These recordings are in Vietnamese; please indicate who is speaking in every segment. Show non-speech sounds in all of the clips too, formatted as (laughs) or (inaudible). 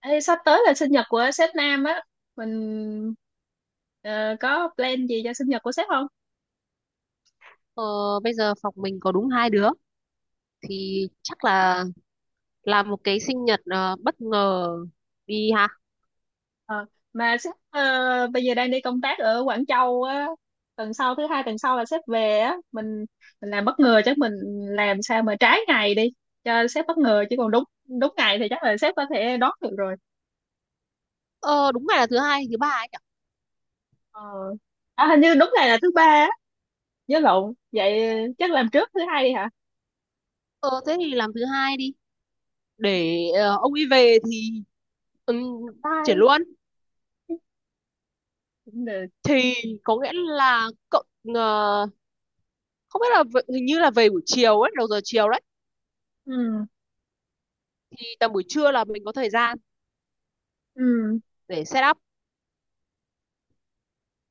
Speaker 1: Ê, sắp tới là sinh nhật của sếp Nam á. Mình có plan gì cho sinh nhật của sếp không?
Speaker 2: Ờ, Bây giờ phòng mình có đúng hai đứa thì chắc là làm một cái sinh nhật bất ngờ đi
Speaker 1: Ừ.
Speaker 2: ha.
Speaker 1: Ờ, mà sếp bây giờ đang đi công tác ở Quảng Châu á. Tuần sau, thứ hai tuần sau là sếp về á. Mình làm bất ngờ, chắc mình làm sao mà trái ngày đi cho sếp bất ngờ, chứ còn đúng đúng ngày thì chắc là sếp có thể đón được rồi.
Speaker 2: Ờ, đúng ngày là thứ hai, thứ ba ấy nhỉ?
Speaker 1: Ờ. À, hình như đúng ngày là thứ ba á, nhớ lộn vậy. Chắc làm trước thứ hai đi hả?
Speaker 2: Ờ, thế thì làm thứ hai đi. Để ông ấy về thì um, chuyển
Speaker 1: Bye.
Speaker 2: luôn.
Speaker 1: Cũng được.
Speaker 2: Thì có nghĩa là cậu ờ, không biết là hình như là về buổi chiều ấy, đầu giờ chiều đấy.
Speaker 1: Ừ.
Speaker 2: Thì tầm buổi trưa là mình có thời gian
Speaker 1: Ừ,
Speaker 2: để set up.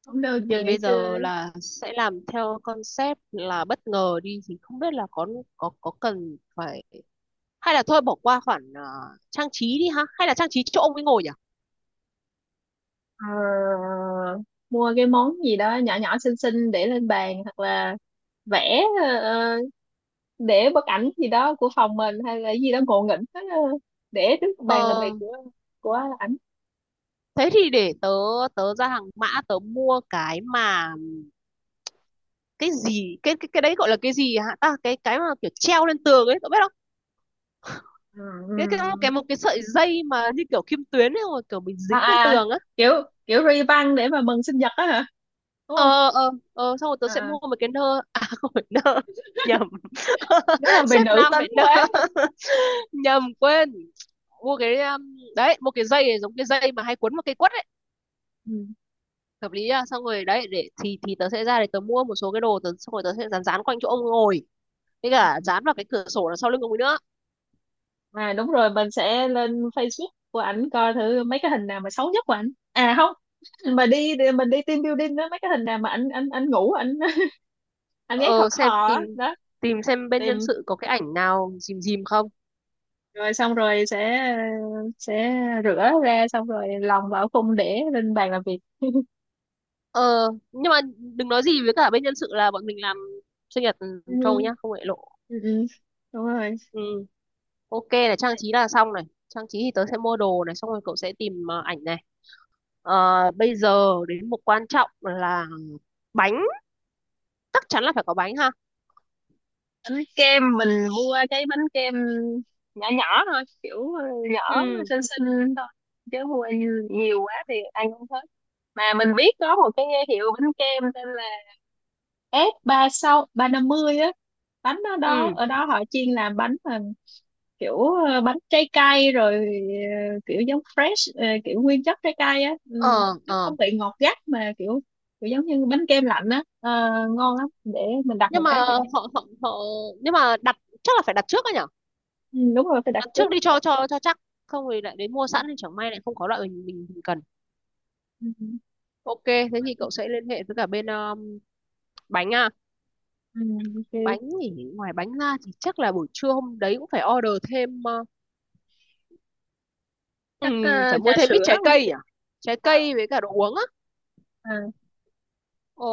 Speaker 1: cũng được, giờ
Speaker 2: Thì
Speaker 1: nghỉ
Speaker 2: bây
Speaker 1: trưa
Speaker 2: giờ
Speaker 1: đấy.
Speaker 2: là sẽ làm theo concept là bất ngờ đi thì không biết là có cần phải hay là thôi bỏ qua khoản trang trí đi ha hay là trang trí chỗ ông ấy ngồi nhỉ?
Speaker 1: Ờ, mua cái món gì đó nhỏ nhỏ xinh xinh để lên bàn, hoặc là vẽ để bức ảnh gì đó của phòng mình hay là gì đó ngộ nghĩnh đó, để trước bàn làm
Speaker 2: ờ,
Speaker 1: việc của của ảnh.
Speaker 2: Thế thì để tớ tớ ra hàng mã tớ mua cái mà cái gì, cái đấy gọi là cái gì hả ta, cái mà kiểu treo lên tường ấy, cậu biết không?
Speaker 1: Ừ.
Speaker 2: cái cái một cái
Speaker 1: Ừ.
Speaker 2: một cái sợi dây mà như kiểu kim tuyến ấy rồi kiểu mình
Speaker 1: À,
Speaker 2: dính lên
Speaker 1: à,
Speaker 2: tường á.
Speaker 1: kiểu kiểu ri băng để mà mừng sinh nhật á hả? Đúng không?
Speaker 2: Ờ Xong rồi tớ sẽ
Speaker 1: À, à.
Speaker 2: mua một cái nơ, à (laughs) không phải nơ, nhầm. (laughs)
Speaker 1: Rất là về
Speaker 2: Sếp
Speaker 1: nữ
Speaker 2: nam
Speaker 1: tính
Speaker 2: lại nơ.
Speaker 1: quá.
Speaker 2: (laughs) Nhầm, quên. Mua cái đấy, mua cái dây giống cái dây mà hay quấn vào cây quất ấy,
Speaker 1: Ừ.
Speaker 2: hợp lý. À xong rồi đấy, để thì tớ sẽ ra để tớ mua một số cái đồ tớ, xong rồi tớ sẽ dán dán quanh chỗ ông ngồi, với cả dán vào cái cửa sổ đằng sau lưng ông ấy nữa.
Speaker 1: À đúng rồi, mình sẽ lên Facebook của ảnh coi thử mấy cái hình nào mà xấu nhất của ảnh. À không, (clears throat) mà đi đi- mình đi team building đó, mấy cái hình nào mà ảnh ảnh ảnh ngủ ảnh (laughs) ảnh ấy khò
Speaker 2: Ờ, xem
Speaker 1: khò á,
Speaker 2: tìm
Speaker 1: đó.
Speaker 2: tìm xem bên nhân
Speaker 1: Tìm.
Speaker 2: sự có cái ảnh nào dìm dìm không.
Speaker 1: Rồi xong rồi sẽ sẽ rửa ra, xong rồi lòng vào khung để lên bàn làm việc (laughs)
Speaker 2: Ờ, nhưng mà đừng nói gì với cả bên nhân sự là bọn mình làm sinh nhật cho ông ấy nhá,
Speaker 1: ừ,
Speaker 2: không để lộ.
Speaker 1: ừ, ừ, đúng rồi.
Speaker 2: Ừ, ok, này trang trí là xong, này trang trí thì tớ sẽ mua đồ này, xong rồi cậu sẽ tìm ảnh này. ờ, Bây giờ đến một quan trọng là bánh, chắc chắn là phải có bánh ha.
Speaker 1: Bánh kem, mình mua cái bánh kem nhỏ nhỏ thôi, kiểu nhỏ
Speaker 2: Ừ.
Speaker 1: xinh xinh thôi, chứ mua nhiều quá thì ăn không hết. Mà mình biết có một cái hiệu bánh kem tên là F3650 á. Bánh ở đó,
Speaker 2: Ừ.
Speaker 1: họ chuyên làm bánh mà kiểu bánh trái cây, rồi kiểu giống fresh, kiểu nguyên chất trái cây á. Ừ,
Speaker 2: Ờ.
Speaker 1: nó
Speaker 2: Ờ.
Speaker 1: không bị ngọt gắt mà kiểu kiểu giống như bánh kem lạnh á. Ờ, ngon lắm, để mình đặt một
Speaker 2: Nhưng mà
Speaker 1: cái nhỏ nhỏ.
Speaker 2: họ họ họ nhưng mà đặt, chắc là phải đặt trước á nhở.
Speaker 1: Ừ, đúng rồi, phải đặt
Speaker 2: Đặt
Speaker 1: trước.
Speaker 2: trước đi cho chắc, không thì lại đến mua sẵn thì chẳng may lại không có loại mình cần.
Speaker 1: Ừ.
Speaker 2: Ok, thế thì cậu sẽ liên hệ với cả bên bánh à.
Speaker 1: Ừ, ok.
Speaker 2: Bánh thì ngoài bánh ra thì chắc là buổi trưa hôm đấy cũng phải order thêm
Speaker 1: Chắc
Speaker 2: phải
Speaker 1: trà
Speaker 2: mua thêm ít
Speaker 1: sữa
Speaker 2: trái
Speaker 1: không?
Speaker 2: cây à, trái
Speaker 1: À,
Speaker 2: cây với cả đồ uống á.
Speaker 1: à,
Speaker 2: ờ,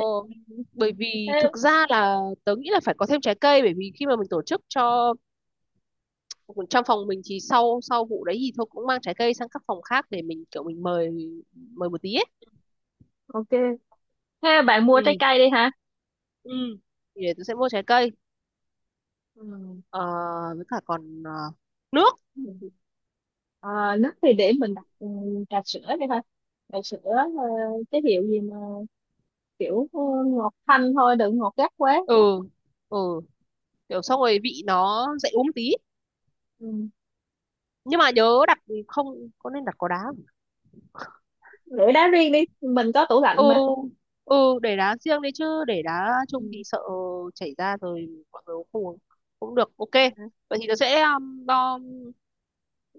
Speaker 2: Bởi vì
Speaker 1: thế,
Speaker 2: thực ra là tớ nghĩ là phải có thêm trái cây, bởi vì khi mà mình tổ chức cho trong phòng mình thì sau sau vụ đấy thì thôi cũng mang trái cây sang các phòng khác để mình kiểu mình mời, một tí ấy.
Speaker 1: ok. Thế bạn mua
Speaker 2: Ừ.
Speaker 1: trái cây đi hả?
Speaker 2: Ừ, thì để tôi sẽ mua trái cây.
Speaker 1: Ừ.
Speaker 2: Ờ, với cả còn nước.
Speaker 1: À, nước thì để mình đặt trà sữa đi thôi. Trà sữa cái hiệu gì mà kiểu ngọt thanh thôi, đừng ngọt gắt quá.
Speaker 2: Ừ. Ừ, kiểu xong rồi vị nó dậy uống tí.
Speaker 1: Ừ.
Speaker 2: Nhưng mà nhớ đặt không, có nên đặt có đá không?
Speaker 1: Để đá riêng đi, mình có tủ
Speaker 2: Ừ.
Speaker 1: lạnh mà.
Speaker 2: Ừ, để đá riêng đấy, chứ để đá chung
Speaker 1: Ừ.
Speaker 2: thì sợ chảy ra rồi mọi người không uống cũng được. Ok, vậy thì nó sẽ lo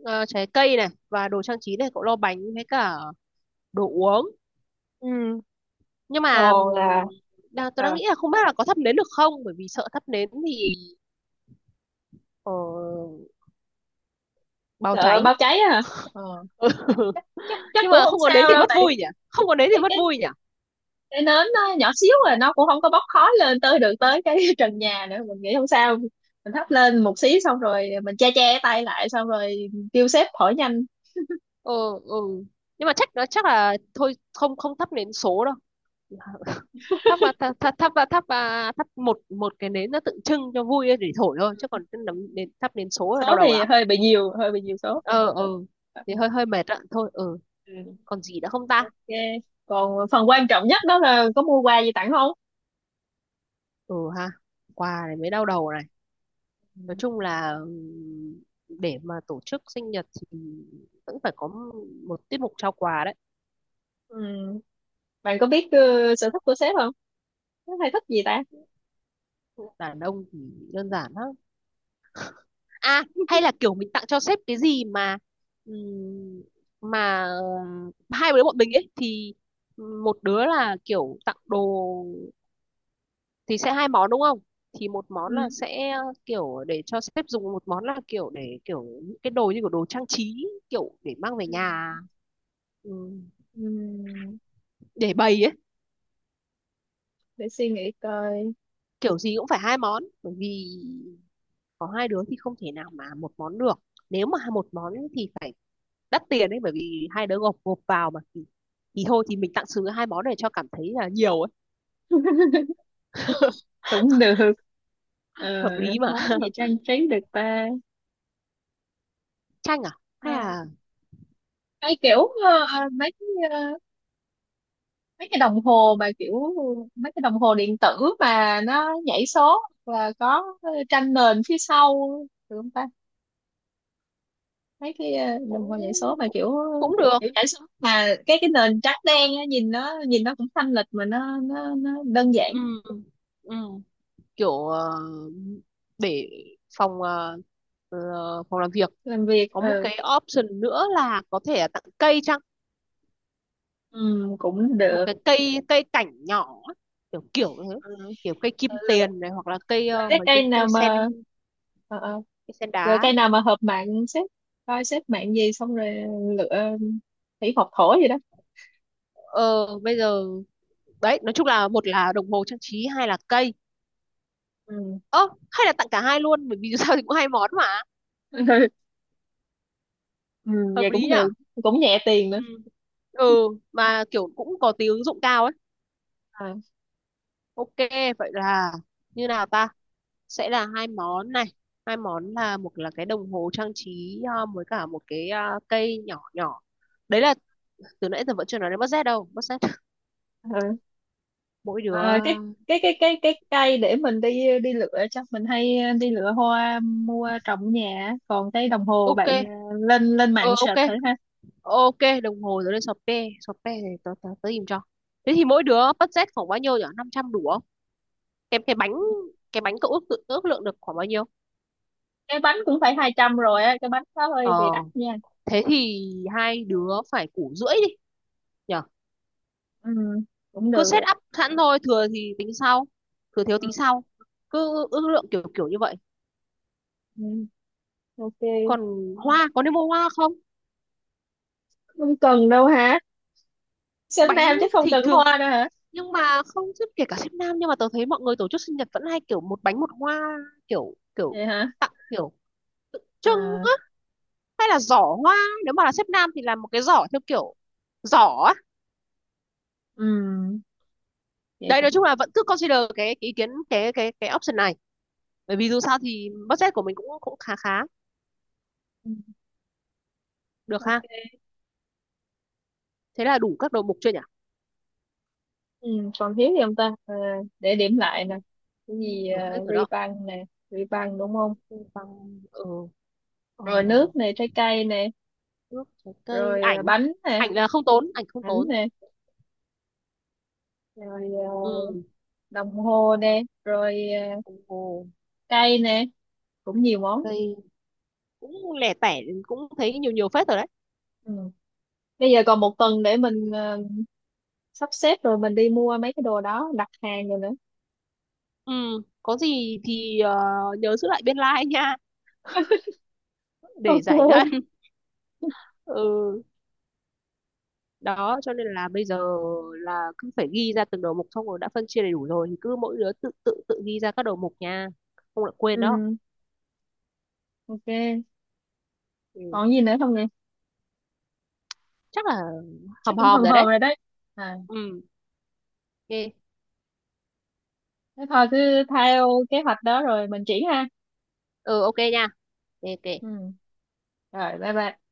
Speaker 2: ờ, trái cây này và đồ trang trí này, cậu lo bánh với cả đồ uống.
Speaker 1: Ừ.
Speaker 2: Nhưng mà
Speaker 1: Còn là,
Speaker 2: tôi đang
Speaker 1: à,
Speaker 2: nghĩ là không biết là có thắp nến được không, bởi vì sợ thắp nến thì ờ, báo
Speaker 1: sợ
Speaker 2: cháy.
Speaker 1: bao cháy á hả? Ờ.
Speaker 2: (laughs)
Speaker 1: Chắc chắc
Speaker 2: Nhưng
Speaker 1: cũng
Speaker 2: mà
Speaker 1: không
Speaker 2: không có nến
Speaker 1: sao
Speaker 2: thì
Speaker 1: đâu,
Speaker 2: mất
Speaker 1: tại
Speaker 2: vui nhỉ, không có nến thì
Speaker 1: cái
Speaker 2: mất vui nhỉ.
Speaker 1: cái nến nó nhỏ xíu, rồi nó cũng không có bốc khói lên tới được tới cái (laughs) trần nhà nữa, mình nghĩ không sao. Mình thắp lên một xí, xong rồi mình che che tay lại, xong rồi kêu sếp hỏi nhanh.
Speaker 2: Ừ, ừ. Nhưng mà chắc nó chắc là thôi không, không thắp nến số đâu. Thắp và thắp thắp thắp và thắp và thắp một một cái nến nó tượng trưng cho vui để thổi thôi, chứ còn cái nến, thắp nến số là
Speaker 1: Số
Speaker 2: đau đầu
Speaker 1: thì
Speaker 2: lắm.
Speaker 1: hơi bị nhiều, hơi bị nhiều số.
Speaker 2: Ờ ờ. Thì
Speaker 1: Ừ.
Speaker 2: hơi hơi mệt ạ, thôi ờ.
Speaker 1: Ừ.
Speaker 2: Còn gì nữa không ta?
Speaker 1: Ok, còn phần quan trọng nhất đó là có mua quà gì tặng không?
Speaker 2: Ừ ha, quà này mới đau đầu này.
Speaker 1: Ừ.
Speaker 2: Nói chung là để mà tổ chức sinh nhật thì vẫn phải có một tiết mục trao quà đấy.
Speaker 1: Ừ. Bạn có biết sở thích của sếp không? Nó hay thích gì ta?
Speaker 2: Đàn ông thì đơn giản lắm. À hay là kiểu mình tặng cho sếp cái gì ừm, mà hai đứa bọn mình ấy thì một đứa là kiểu tặng đồ thì sẽ hai món đúng không, thì một món
Speaker 1: Ừ.
Speaker 2: là sẽ kiểu để cho sếp dùng, một món là kiểu để kiểu những cái đồ như kiểu đồ trang trí kiểu để mang về
Speaker 1: Ừ.
Speaker 2: nhà, ừm,
Speaker 1: Ừ.
Speaker 2: để bày ấy.
Speaker 1: Để suy nghĩ coi.
Speaker 2: Kiểu gì cũng phải hai món bởi vì có hai đứa thì không thể nào mà một món được, nếu mà một món thì phải đắt tiền ấy, bởi vì hai đứa gộp gộp vào mà thì thôi thì mình tặng sứ hai món để cho cảm thấy là nhiều ấy. (laughs)
Speaker 1: Cũng được. Ờ,
Speaker 2: Hợp lý mà.
Speaker 1: món gì
Speaker 2: (laughs)
Speaker 1: trang trí được ta?
Speaker 2: Chanh à, hay là
Speaker 1: Hay kiểu ờ, mấy cái, mấy cái đồng hồ mà kiểu mấy cái đồng hồ điện tử mà nó nhảy số và có tranh nền phía sau, được không ta? Mấy cái đồng
Speaker 2: cũng
Speaker 1: hồ nhảy số mà
Speaker 2: cũng,
Speaker 1: kiểu
Speaker 2: cũng được.
Speaker 1: kiểu nhảy số mà cái nền trắng đen á, nhìn nó, cũng thanh lịch mà nó đơn giản.
Speaker 2: Ừ, ừ. Kiểu để phòng ờ, phòng làm việc.
Speaker 1: Làm việc.
Speaker 2: Có một
Speaker 1: Ừ,
Speaker 2: cái option nữa là có thể là tặng cây chăng,
Speaker 1: ừ cũng
Speaker 2: một
Speaker 1: được.
Speaker 2: cái cây cây cảnh nhỏ kiểu kiểu thế,
Speaker 1: Ừ.
Speaker 2: kiểu cây
Speaker 1: Ừ.
Speaker 2: kim tiền này hoặc là cây
Speaker 1: Rồi cái
Speaker 2: mấy cái
Speaker 1: cây nào
Speaker 2: cây sen,
Speaker 1: mà ờ, ờ.
Speaker 2: cây sen
Speaker 1: Rồi
Speaker 2: đá.
Speaker 1: cây nào mà hợp mạng xếp, coi xếp mạng gì xong rồi lựa thủy học thổ gì đó.
Speaker 2: Ờ bây giờ đấy, nói chung là một là đồng hồ trang trí, hai là cây.
Speaker 1: Ừ.
Speaker 2: Ơ hay là tặng cả hai luôn, bởi vì (laughs) dù sao thì cũng hai món mà,
Speaker 1: (laughs) Ừ,
Speaker 2: hợp
Speaker 1: vậy
Speaker 2: lý
Speaker 1: cũng
Speaker 2: nhỉ.
Speaker 1: được, cũng nhẹ tiền nữa.
Speaker 2: Ừ. Ừ, mà kiểu cũng có tí ứng dụng cao ấy.
Speaker 1: À,
Speaker 2: Ok, vậy là như nào ta, sẽ là hai món này, hai món là một là cái đồng hồ trang trí với cả một cái cây nhỏ nhỏ. Đấy là từ nãy giờ vẫn chưa nói đến budget đâu, budget mỗi đứa.
Speaker 1: à, cái cây để mình đi đi lựa, chắc mình hay đi lựa hoa mua trồng ở nhà á. Còn cái đồng hồ
Speaker 2: Ok.
Speaker 1: bạn lên lên mạng
Speaker 2: Ờ ok.
Speaker 1: search thử ha.
Speaker 2: Ok, đồng hồ rồi lên sọt pe sọt thì tớ tớ tớ tìm cho. Thế thì mỗi đứa budget khoảng bao nhiêu nhỉ, 500 đủ không? Cái bánh, cái bánh cậu ước tự ước lượng được khoảng bao nhiêu?
Speaker 1: Cái bánh cũng phải 200 rồi á, cái bánh đó
Speaker 2: Ờ,
Speaker 1: hơi bị đắt nha.
Speaker 2: thế thì hai đứa phải củ rưỡi đi nhỉ.
Speaker 1: Ừ, cũng
Speaker 2: Cứ
Speaker 1: được
Speaker 2: set
Speaker 1: rồi.
Speaker 2: up sẵn thôi, thừa thì tính sau, thừa thiếu
Speaker 1: Ừ,
Speaker 2: tính sau, cứ ước lượng kiểu kiểu như vậy.
Speaker 1: ừ, ok.
Speaker 2: Còn hoa, có nên mua hoa không?
Speaker 1: Không cần đâu hả? Sinh
Speaker 2: Bánh
Speaker 1: nam chứ không
Speaker 2: thì
Speaker 1: cần
Speaker 2: thường,
Speaker 1: hoa nữa hả?
Speaker 2: nhưng mà không, chứ kể cả sếp nam nhưng mà tớ thấy mọi người tổ chức sinh nhật vẫn hay kiểu một bánh một hoa, kiểu kiểu
Speaker 1: Vậy hả?
Speaker 2: tặng kiểu trưng
Speaker 1: À,
Speaker 2: á, hay là giỏ hoa, nếu mà là sếp nam thì làm một cái giỏ theo kiểu giỏ á.
Speaker 1: ừm, vậy
Speaker 2: Đấy nói
Speaker 1: cũng
Speaker 2: chung
Speaker 1: được.
Speaker 2: là vẫn cứ consider cái ý kiến cái option này, bởi vì dù sao thì budget của mình cũng cũng khá khá
Speaker 1: Ừm,
Speaker 2: được ha.
Speaker 1: ok.
Speaker 2: Thế là đủ các đầu mục chưa nhỉ?
Speaker 1: Còn thiếu gì không ta? Ờ, để điểm lại nè. Cái
Speaker 2: Cũng
Speaker 1: gì?
Speaker 2: đủ hết rồi
Speaker 1: Ri
Speaker 2: đó.
Speaker 1: băng nè, ri băng đúng không?
Speaker 2: Bằng ờ. Ờ.
Speaker 1: Rồi nước nè, trái cây nè.
Speaker 2: Nước trái cây,
Speaker 1: Rồi
Speaker 2: ảnh.
Speaker 1: bánh nè,
Speaker 2: Ảnh là không tốn, ảnh không
Speaker 1: bánh
Speaker 2: tốn.
Speaker 1: nè. Rồi
Speaker 2: Ừ.
Speaker 1: đồng hồ nè. Rồi ờ,
Speaker 2: Đồng hồ.
Speaker 1: cây nè, cũng nhiều món.
Speaker 2: Cây. Cũng lẻ tẻ, cũng thấy nhiều nhiều phết rồi đấy.
Speaker 1: Ừm, bây giờ còn một tuần để mình sắp xếp, rồi mình đi mua mấy cái đồ đó, đặt hàng rồi nữa.
Speaker 2: Ừ, có gì thì nhớ giữ lại biên lai nha, để
Speaker 1: Ok.
Speaker 2: giải ngân. (laughs) Ừ, đó cho nên là bây giờ là cứ phải ghi ra từng đầu mục, xong rồi đã phân chia đầy đủ rồi thì cứ mỗi đứa tự tự tự ghi ra các đầu mục nha, không lại quên đó.
Speaker 1: Ừm, ok,
Speaker 2: Ừ.
Speaker 1: còn gì nữa không nhỉ?
Speaker 2: Chắc là
Speaker 1: Chắc
Speaker 2: hòm
Speaker 1: cũng
Speaker 2: hòm
Speaker 1: hòm
Speaker 2: rồi
Speaker 1: hòm
Speaker 2: đấy.
Speaker 1: rồi đấy. À,
Speaker 2: Ừ, ok.
Speaker 1: thế thôi cứ theo kế hoạch đó rồi mình triển ha.
Speaker 2: Ừ, ok nha. Ok ok.
Speaker 1: Ừ, rồi bye bye.